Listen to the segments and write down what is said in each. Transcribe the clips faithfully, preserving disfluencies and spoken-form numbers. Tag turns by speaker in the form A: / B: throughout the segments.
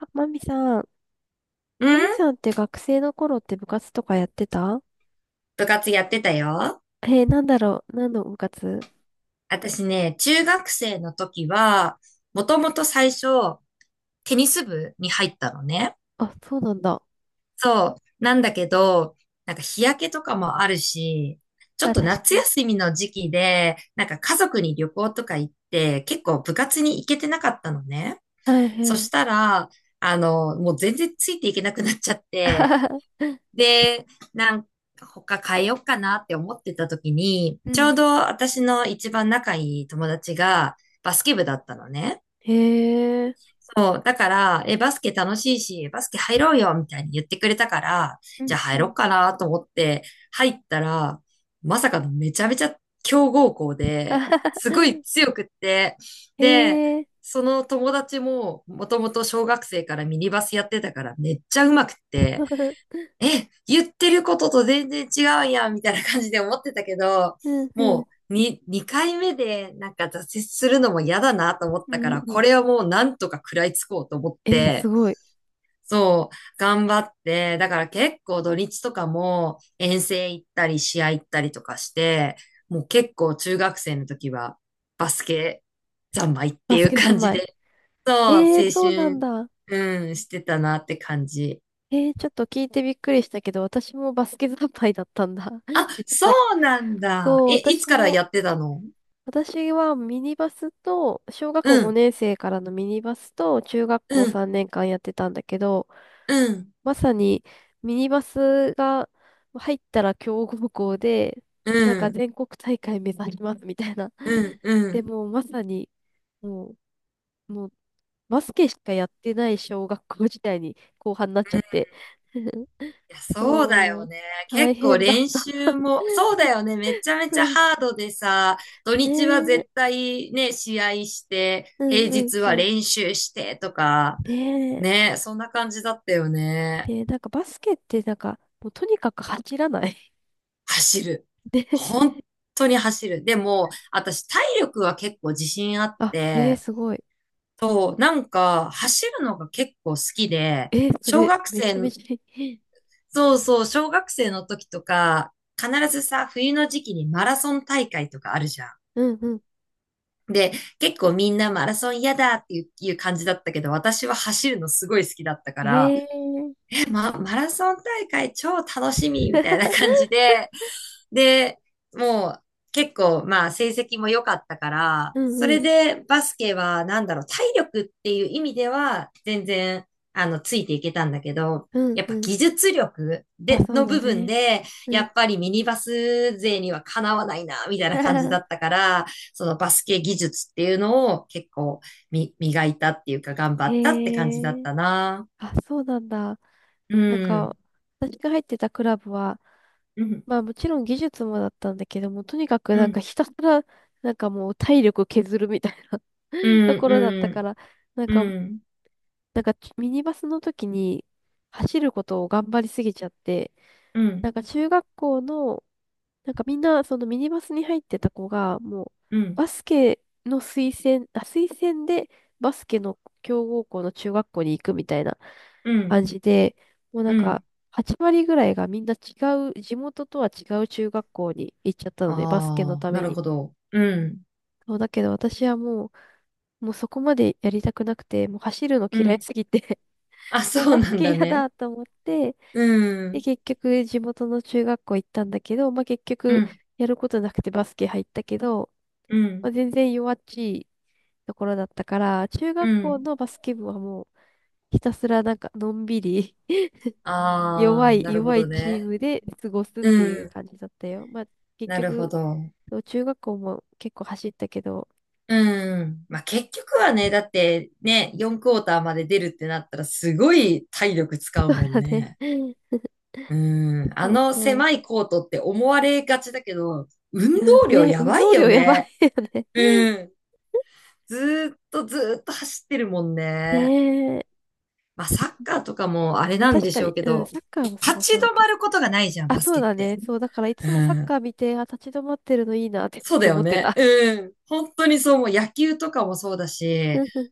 A: あマミさん、
B: う
A: マミ
B: ん、
A: さんって学生の頃って部活とかやってた？
B: 部活やってたよ。
A: えー、なんだろう、何の部活？
B: 私ね、中学生の時は、もともと最初、テニス部に入ったのね。
A: あ、そうなんだ。
B: そう。なんだけど、なんか日焼けとかもあるし、ちょっ
A: あ、確
B: と
A: か
B: 夏
A: に。
B: 休みの時期で、なんか家族に旅行とか行って、結構部活に行けてなかったのね。
A: はいは
B: そし
A: い。
B: たら、あの、もう全然ついていけなくなっちゃっ
A: あ
B: て、
A: はは。
B: で、なん他変えようかなって思ってた時に、
A: う
B: ちょ
A: ん。
B: うど私の一番仲いい友達がバスケ部だったのね。
A: へえ。
B: そう。だから、え、バスケ楽しいし、バスケ入ろうよみたいに言ってくれたから、
A: う
B: じ
A: ん
B: ゃあ
A: う
B: 入ろう
A: ん。
B: かなと思って入ったら、まさかのめちゃめちゃ強豪校
A: あ
B: で、
A: はは。
B: すごい強くって、
A: へ
B: で、
A: え。
B: その友達ももともと小学生からミニバスやってたからめっちゃ上手くって、え、言ってることと全然違うやん、みたいな感じで思ってたけど、
A: うんうん。
B: もう、に、にかいめでなんか挫折するのも嫌だなと思っ
A: う
B: た
A: ん
B: から、
A: う
B: こ
A: ん。
B: れはもうなんとか食らいつこうと思っ
A: えー、す
B: て、
A: ごい。
B: そう、頑張って、だから結構土日とかも遠征行ったり試合行ったりとかして、もう結構中学生の時はバスケ三昧って
A: バ
B: い
A: ス
B: う
A: ケ
B: 感
A: 三
B: じ
A: 昧。
B: で、そう、
A: え
B: 青
A: ー、そうなん
B: 春、
A: だ。
B: うん、してたなって感じ。
A: えー、ちょっと聞いてびっくりしたけど、私もバスケ三昧だったんだ。
B: あ、
A: 実
B: そ
A: は。
B: うなんだ。
A: そう、
B: え、いつ
A: 私
B: から
A: も、
B: やってたの？
A: 私はミニバスと、小学校
B: うん、
A: ごねん生からのミニバスと、中学校
B: うん、
A: さんねんかんやってたんだけど、
B: うん、
A: まさにミニバスが入ったら強豪校で、
B: う
A: なんか
B: ん、
A: 全国大会目指しますみたいな。
B: うん、う
A: で
B: ん。
A: もうまさに、もう、もうバスケしかやってない小学校時代に後半になっちゃって。
B: いや、そう
A: そう、
B: だ
A: も
B: よ
A: う
B: ね。
A: 大
B: 結構
A: 変だっ
B: 練
A: た。
B: 習も、そうだよね。めちゃ め
A: う
B: ちゃ
A: ん。
B: ハードでさ、土
A: ね
B: 日は
A: え、
B: 絶対ね、試合して、
A: うん
B: 平
A: うん
B: 日
A: う
B: は
A: ん。
B: 練習してとか、
A: ねえ。
B: ね、そんな感じだったよね。
A: で、なんかバスケってなんか、もうとにかく走らない。
B: 走る。
A: で、
B: 本当に走る。でも、私体力は結構自信あっ
A: あ、えー、
B: て、
A: すごい。
B: そう、なんか、走るのが結構好きで、
A: えー、そ
B: 小
A: れ、
B: 学
A: めちゃめ
B: 生、
A: ちゃいい。
B: そうそう、小学生の時とか、必ずさ、冬の時期にマラソン大会とかあるじゃん。
A: うんうん。
B: で、結構みんなマラソン嫌だっていういう感じだったけど、私は走るのすごい好きだったか
A: え
B: ら、
A: えー。
B: え、ま、マラソン大会超楽しみみたいな感じ で、で、もう結構まあ成績も良かったから、
A: う
B: そ
A: んう
B: れ
A: ん。
B: でバスケはなんだろう、体力っていう意味では全然あのついていけたんだけど、
A: うん
B: やっぱ
A: うん。
B: 技術力
A: まあ
B: で、
A: そう
B: の
A: だ
B: 部分
A: ね。
B: で、や
A: うん。
B: っぱりミニバス勢にはかなわないな、みたいな感じだっ たから、そのバスケ技術っていうのを結構み磨いたっていうか頑張ったって感じだっ
A: へえ。
B: たな。
A: あ、そうなんだ。
B: う
A: なん
B: ん。
A: か、私が入ってたクラブは、
B: うん。
A: まあもちろん技術もだったんだけども、とにかく
B: う
A: なんか
B: ん。
A: ひたすら、なんかもう体力削るみたいな
B: う
A: と
B: ん。
A: ころだったから、なん
B: うん。
A: か
B: うん。
A: なんかミニバスの時に走ることを頑張りすぎちゃって、
B: う
A: な
B: ん。
A: んか中学校の、なんかみんなそのミニバスに入ってた子が、もう
B: うん。
A: バスケの推薦、あ、推薦でバスケの強豪校の中学校に行くみたいな
B: うん。
A: 感じで、もうなん
B: うん。
A: かはち割ぐらいがみんな違う、地元とは違う中学校に行っちゃったので、バスケの
B: ああ、
A: た
B: な
A: め
B: る
A: に。
B: ほど。うん。
A: そうだけど私はもう、もうそこまでやりたくなくて、もう走るの
B: う
A: 嫌い
B: ん。
A: すぎて
B: あ、
A: お
B: そう
A: バ
B: な
A: ス
B: ん
A: ケ
B: だ
A: 嫌
B: ね。
A: だと思って、
B: う
A: で、
B: ん。
A: 結局地元の中学校行ったんだけど、まあ、結
B: う
A: 局
B: ん。
A: やることなくてバスケ入ったけど、
B: う
A: ま
B: ん。
A: あ、全然弱っちいところだったから、中
B: う
A: 学校
B: ん。
A: のバスケ部はもうひたすらなんかのんびり 弱
B: ああ、
A: い
B: なるほ
A: 弱い
B: ど
A: チー
B: ね。
A: ムで過ごすってい
B: う
A: う
B: ん。
A: 感じだったよ。まあ、結
B: なるほ
A: 局、
B: ど。
A: そう中学校も結構走ったけど、
B: うん。まあ、結局はね、だってね、よんクォーターまで出るってなったらすごい体力使うもん ね。
A: ね、
B: うん。あ
A: そう
B: の
A: そう。
B: 狭いコートって思われがちだけど、運
A: いや、
B: 動量
A: ね、
B: や
A: 運
B: ばい
A: 動
B: よ
A: 量やばい
B: ね。
A: よね。
B: うん。ずーっとずーっと走ってるもん ね。
A: ねえ。
B: まあ、サッカーとかもあれ
A: まあ、
B: なん
A: 確
B: で
A: か
B: しょ
A: に、
B: うけ
A: うん、
B: ど、
A: サッカーもす
B: 立
A: ご
B: ち
A: そうだ
B: 止
A: け
B: ま
A: ど。
B: ることがないじゃん、
A: あ、
B: バス
A: そう
B: ケっ
A: だね。
B: て。
A: そう、だからい
B: う
A: つもサッ
B: ん。
A: カー見て、あ、立ち止まってるのいいなってちょっ
B: そうだ
A: と思
B: よ
A: って
B: ね。
A: た。
B: うん。本当にそう、もう野球とかもそうだ
A: う
B: し、
A: んうん、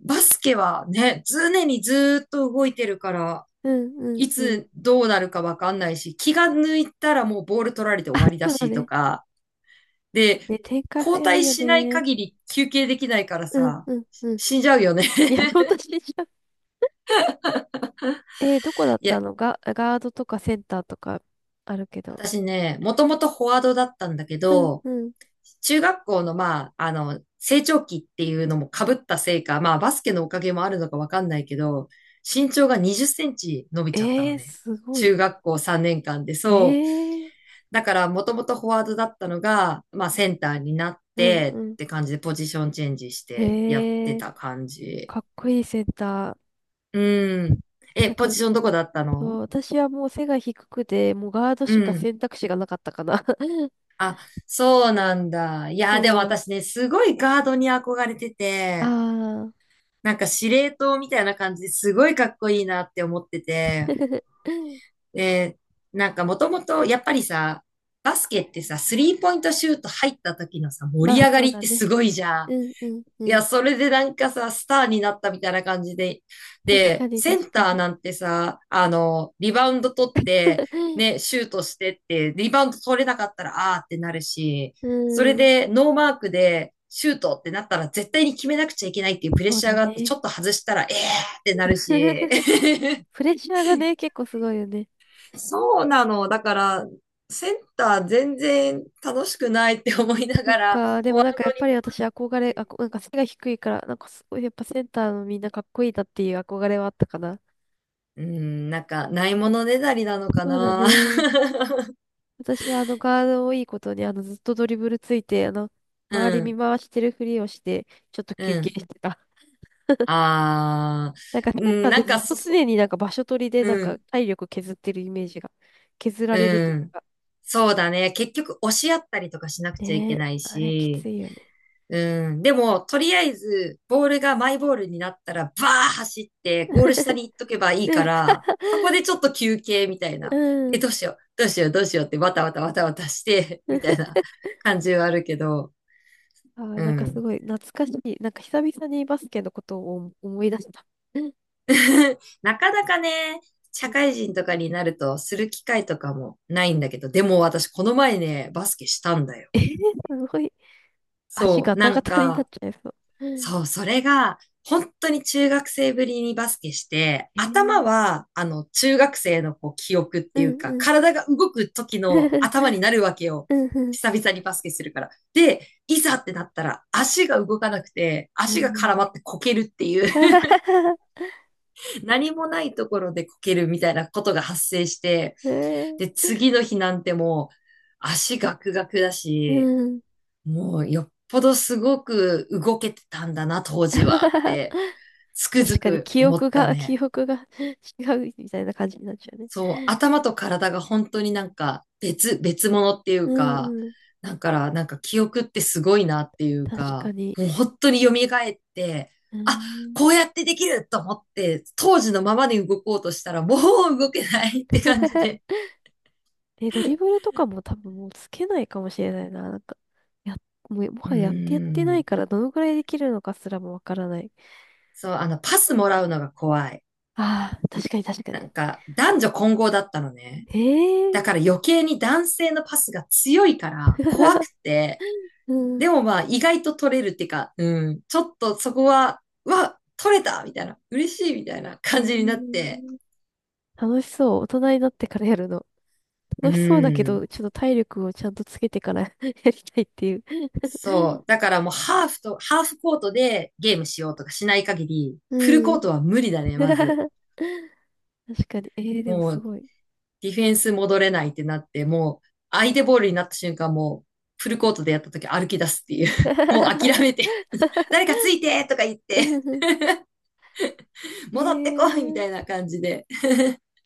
B: バスケはね、常にずーっと動いてるから、
A: うん、うん、
B: い
A: うん。
B: つどうなるかわかんないし、気が抜いたらもうボール取られて終わりだ
A: そうだ
B: しと
A: ね。
B: か、で、
A: ね、展開
B: 交
A: 早い
B: 代
A: よ
B: しない
A: ね。
B: 限り休憩できないから
A: うん、
B: さ、
A: うん、うん。
B: 死んじゃうよね。
A: いや、私じゃん、えーどこだっ
B: い
A: た
B: や、
A: のが、ガガードとかセンターとかあるけど。
B: 私ね、もともとフォワードだったんだけ
A: うん、
B: ど、
A: うん。
B: 中学校の、まあ、あの、成長期っていうのも被ったせいか、まあ、バスケのおかげもあるのかわかんないけど、身長がにじゅっセンチ伸びちゃった
A: え
B: の
A: ー、
B: ね。
A: すごい。
B: 中学校さんねんかんで、
A: え
B: そう。
A: ー、
B: だから、もともとフォワードだったのが、まあ、センターになっ
A: うん、
B: て
A: う
B: っ
A: ん。
B: て感じで、ポジションチェンジしてやって
A: へえ、
B: た感じ。
A: かっこいいセンタ
B: うん。
A: ー。
B: え、
A: なん
B: ポジ
A: か、
B: ションどこだった
A: そう
B: の？
A: 私はもう背が低くて、もうガード
B: う
A: しか
B: ん。
A: 選択肢がなかったかな。
B: あ、そうなんだ。いや、でも
A: そう。
B: 私ね、すごいガードに憧れて
A: あ
B: て、
A: あ。
B: なんか司令塔みたいな感じですごいかっこいいなって思ってて、で、なんかもともとやっぱりさ、バスケってさ、スリーポイントシュート入った時のさ、
A: ま
B: 盛り
A: あ、
B: 上が
A: そう
B: りっ
A: だ
B: てす
A: ね。
B: ごいじゃん。
A: うんうんう
B: い
A: ん。
B: や、それでなんかさ、スターになったみたいな感じで。
A: 確か
B: で、
A: に
B: セン
A: 確か
B: ター
A: に。
B: なんてさ、あの、リバウンド取って、ね、シュートしてって、リバウンド取れなかったら、あーってなるし、
A: う
B: それ
A: ん、
B: でノーマークでシュートってなったら絶対に決めなくちゃいけないっていうプレッ
A: そう
B: シャー
A: だ
B: があって、ちょ
A: ね。
B: っと外したら、えーってなるし。
A: プレッシャーがね、結構すごいよね。
B: そうなの。だから、センター全然楽しくないって思いな
A: そっ
B: がら、
A: か、でも
B: 本
A: なんかや
B: 当
A: っ
B: に
A: ぱり私憧れ、あこ、なんか背が低いから、なんかすごいやっぱセンターのみんなかっこいいなっていう憧れはあったかな。
B: うん、なんか、ないものねだりなのか
A: そうだ
B: な。
A: ね。私はあのガードをいいことにあのずっとドリブルついて、あの、
B: う
A: 周り見
B: ん、
A: 回してるふりをして、ちょっと休
B: う
A: 憩
B: ん。
A: してた。
B: あー、
A: なんか、ケ
B: う
A: ン
B: ん、
A: タっ
B: な
A: て
B: ん
A: ず
B: か
A: っと
B: そ、そ、
A: 常になんか場所取りでなん
B: う
A: か
B: ん、
A: 体力削ってるイメージが、削られるとい
B: う
A: う
B: ん。
A: か。
B: そうだね。結局、押し合ったりとかしなくちゃい
A: ね
B: け
A: え、
B: ない
A: あれはきつ
B: し、
A: いよね。
B: うん。でも、とりあえず、ボールがマイボールになったら、バー走って、ゴール下に行っ とけばいいから、そこでちょっと休憩みたい
A: う
B: な。で、
A: ん。
B: どうしよう、どうしよう、どうしようって、わたわたわたわたして、みたい な感じはあるけど、
A: あー、
B: う
A: なんかす
B: ん。
A: ごい懐かしい。なんか久々にバスケのことを思い出した。うん。
B: なかなかね、社会人とかになるとする機会とかもないんだけど、でも私この前ね、バスケしたんだよ。
A: すごい。足
B: そ
A: ガ
B: う、
A: タ
B: な
A: ガ
B: ん
A: タになっ
B: か、
A: ちゃいそう。うん。
B: そう、それが、本当に中学生ぶりにバスケして、
A: え
B: 頭
A: ー、
B: は、あの、中学生のこう記憶っ
A: う
B: ていう
A: ん
B: か、
A: うん。
B: 体が動く時の頭になるわけ よ。
A: うんうん。
B: 久々にバスケするから。で、いざってなったら、足が動かなくて、
A: う
B: 足が
A: ん。
B: 絡まってこけるっていう 何もないところでこけるみたいなことが発生して、
A: え
B: で、次の日なんてもう足ガクガクだ
A: ー、
B: し、
A: うん。
B: もうよっぽどすごく動けてたんだな、当時はっ て、つくづ
A: 確かに
B: く
A: 記
B: 思っ
A: 憶
B: た
A: が、
B: ね。
A: 記憶が 違うみたいな感じになっちゃうね。
B: そう、頭と体が本当になんか別、別物ってい
A: う
B: うか、
A: んうん。
B: だからなんか記憶ってすごいなっていう
A: 確か
B: か、
A: に。
B: もう本当に蘇って、
A: う
B: あ、
A: ん。
B: こうやってできると思って、当時のままで動こうとしたらもう動けないって感じで。
A: え、ドリブルとかも多分もうつけないかもしれないな。なんか、や、もう、も
B: うー
A: はややってやってないか
B: ん。
A: ら、どのくらいできるのかすらもわからない。
B: そう、あの、パスもらうのが怖い。
A: ああ、確かに確か
B: な
A: に。
B: んか、男女混合だったのね。
A: へ
B: だ
A: え。
B: から余計に男性のパスが強いから怖く て、
A: う
B: で
A: ん。
B: もまあ、意外と取れるっていうか、うん、ちょっとそこは、うわ、取れたみたいな、嬉しいみたいな
A: へ
B: 感じになっ
A: え。
B: て、
A: 楽しそう。大人になってからやるの？
B: う
A: 楽しそうだけ
B: ん。
A: ど、ちょっと体力をちゃんとつけてから やりたいっていう。
B: そ う。だからもうハーフと、ハーフコートでゲームしようとかしない限り、フル
A: う
B: コ
A: ん。
B: ートは無理だね、まず。
A: 確かに。えー、でも
B: も
A: す
B: う、
A: ごい。
B: ディフェンス戻れないってなって、もう、相手ボールになった瞬間、もう、フルコートでやった時歩き出すっていう。もう諦め て 誰かついてとか言っ
A: え
B: て
A: ー、
B: 戻ってこいみたいな感じで。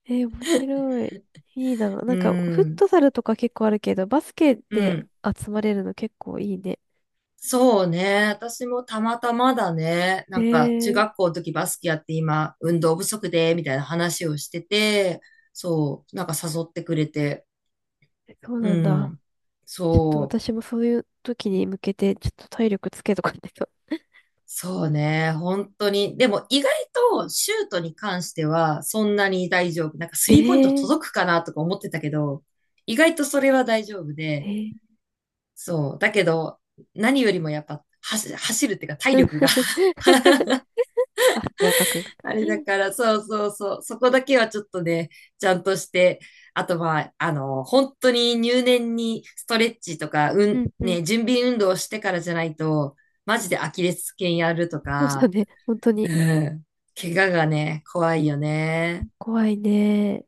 A: えー、面白い。いいな。な
B: う
A: んか、フッ
B: ん。
A: トサルとか結構あるけど、バスケ
B: う
A: で
B: ん。
A: 集まれるの結構いいね。
B: そうね。私もたまたまだね。
A: え
B: なんか、中
A: ー、
B: 学校の時バスケやって今、運動不足で、みたいな話をしてて、そう、なんか誘ってくれて。
A: そうなん
B: う
A: だ。
B: ん。
A: ちょっと
B: そう、
A: 私もそういう時に向けて、ちょっと体力つけとかないと。
B: そうね。本当に。でも、意外とシュートに関しては、そんなに大丈夫。なんか、ス
A: え
B: リーポイント
A: ー、
B: 届くかなとか思ってたけど、意外とそれは大丈夫で、
A: え
B: そう。だけど、何よりもやっぱ、走走るっていうか、体力が
A: ー、あ、がかく。
B: あれだから、そうそうそう。そこだけはちょっとね、ちゃんとして、あとまあ、あの、本当に入念にストレッチとか、う
A: う
B: ん、
A: んうん。
B: ね、準備運動をしてからじゃないと、マジでアキレス腱やると
A: そうだ
B: か、
A: ね。本当
B: う
A: に。
B: ん、怪我がね、怖いよね。
A: 怖いね。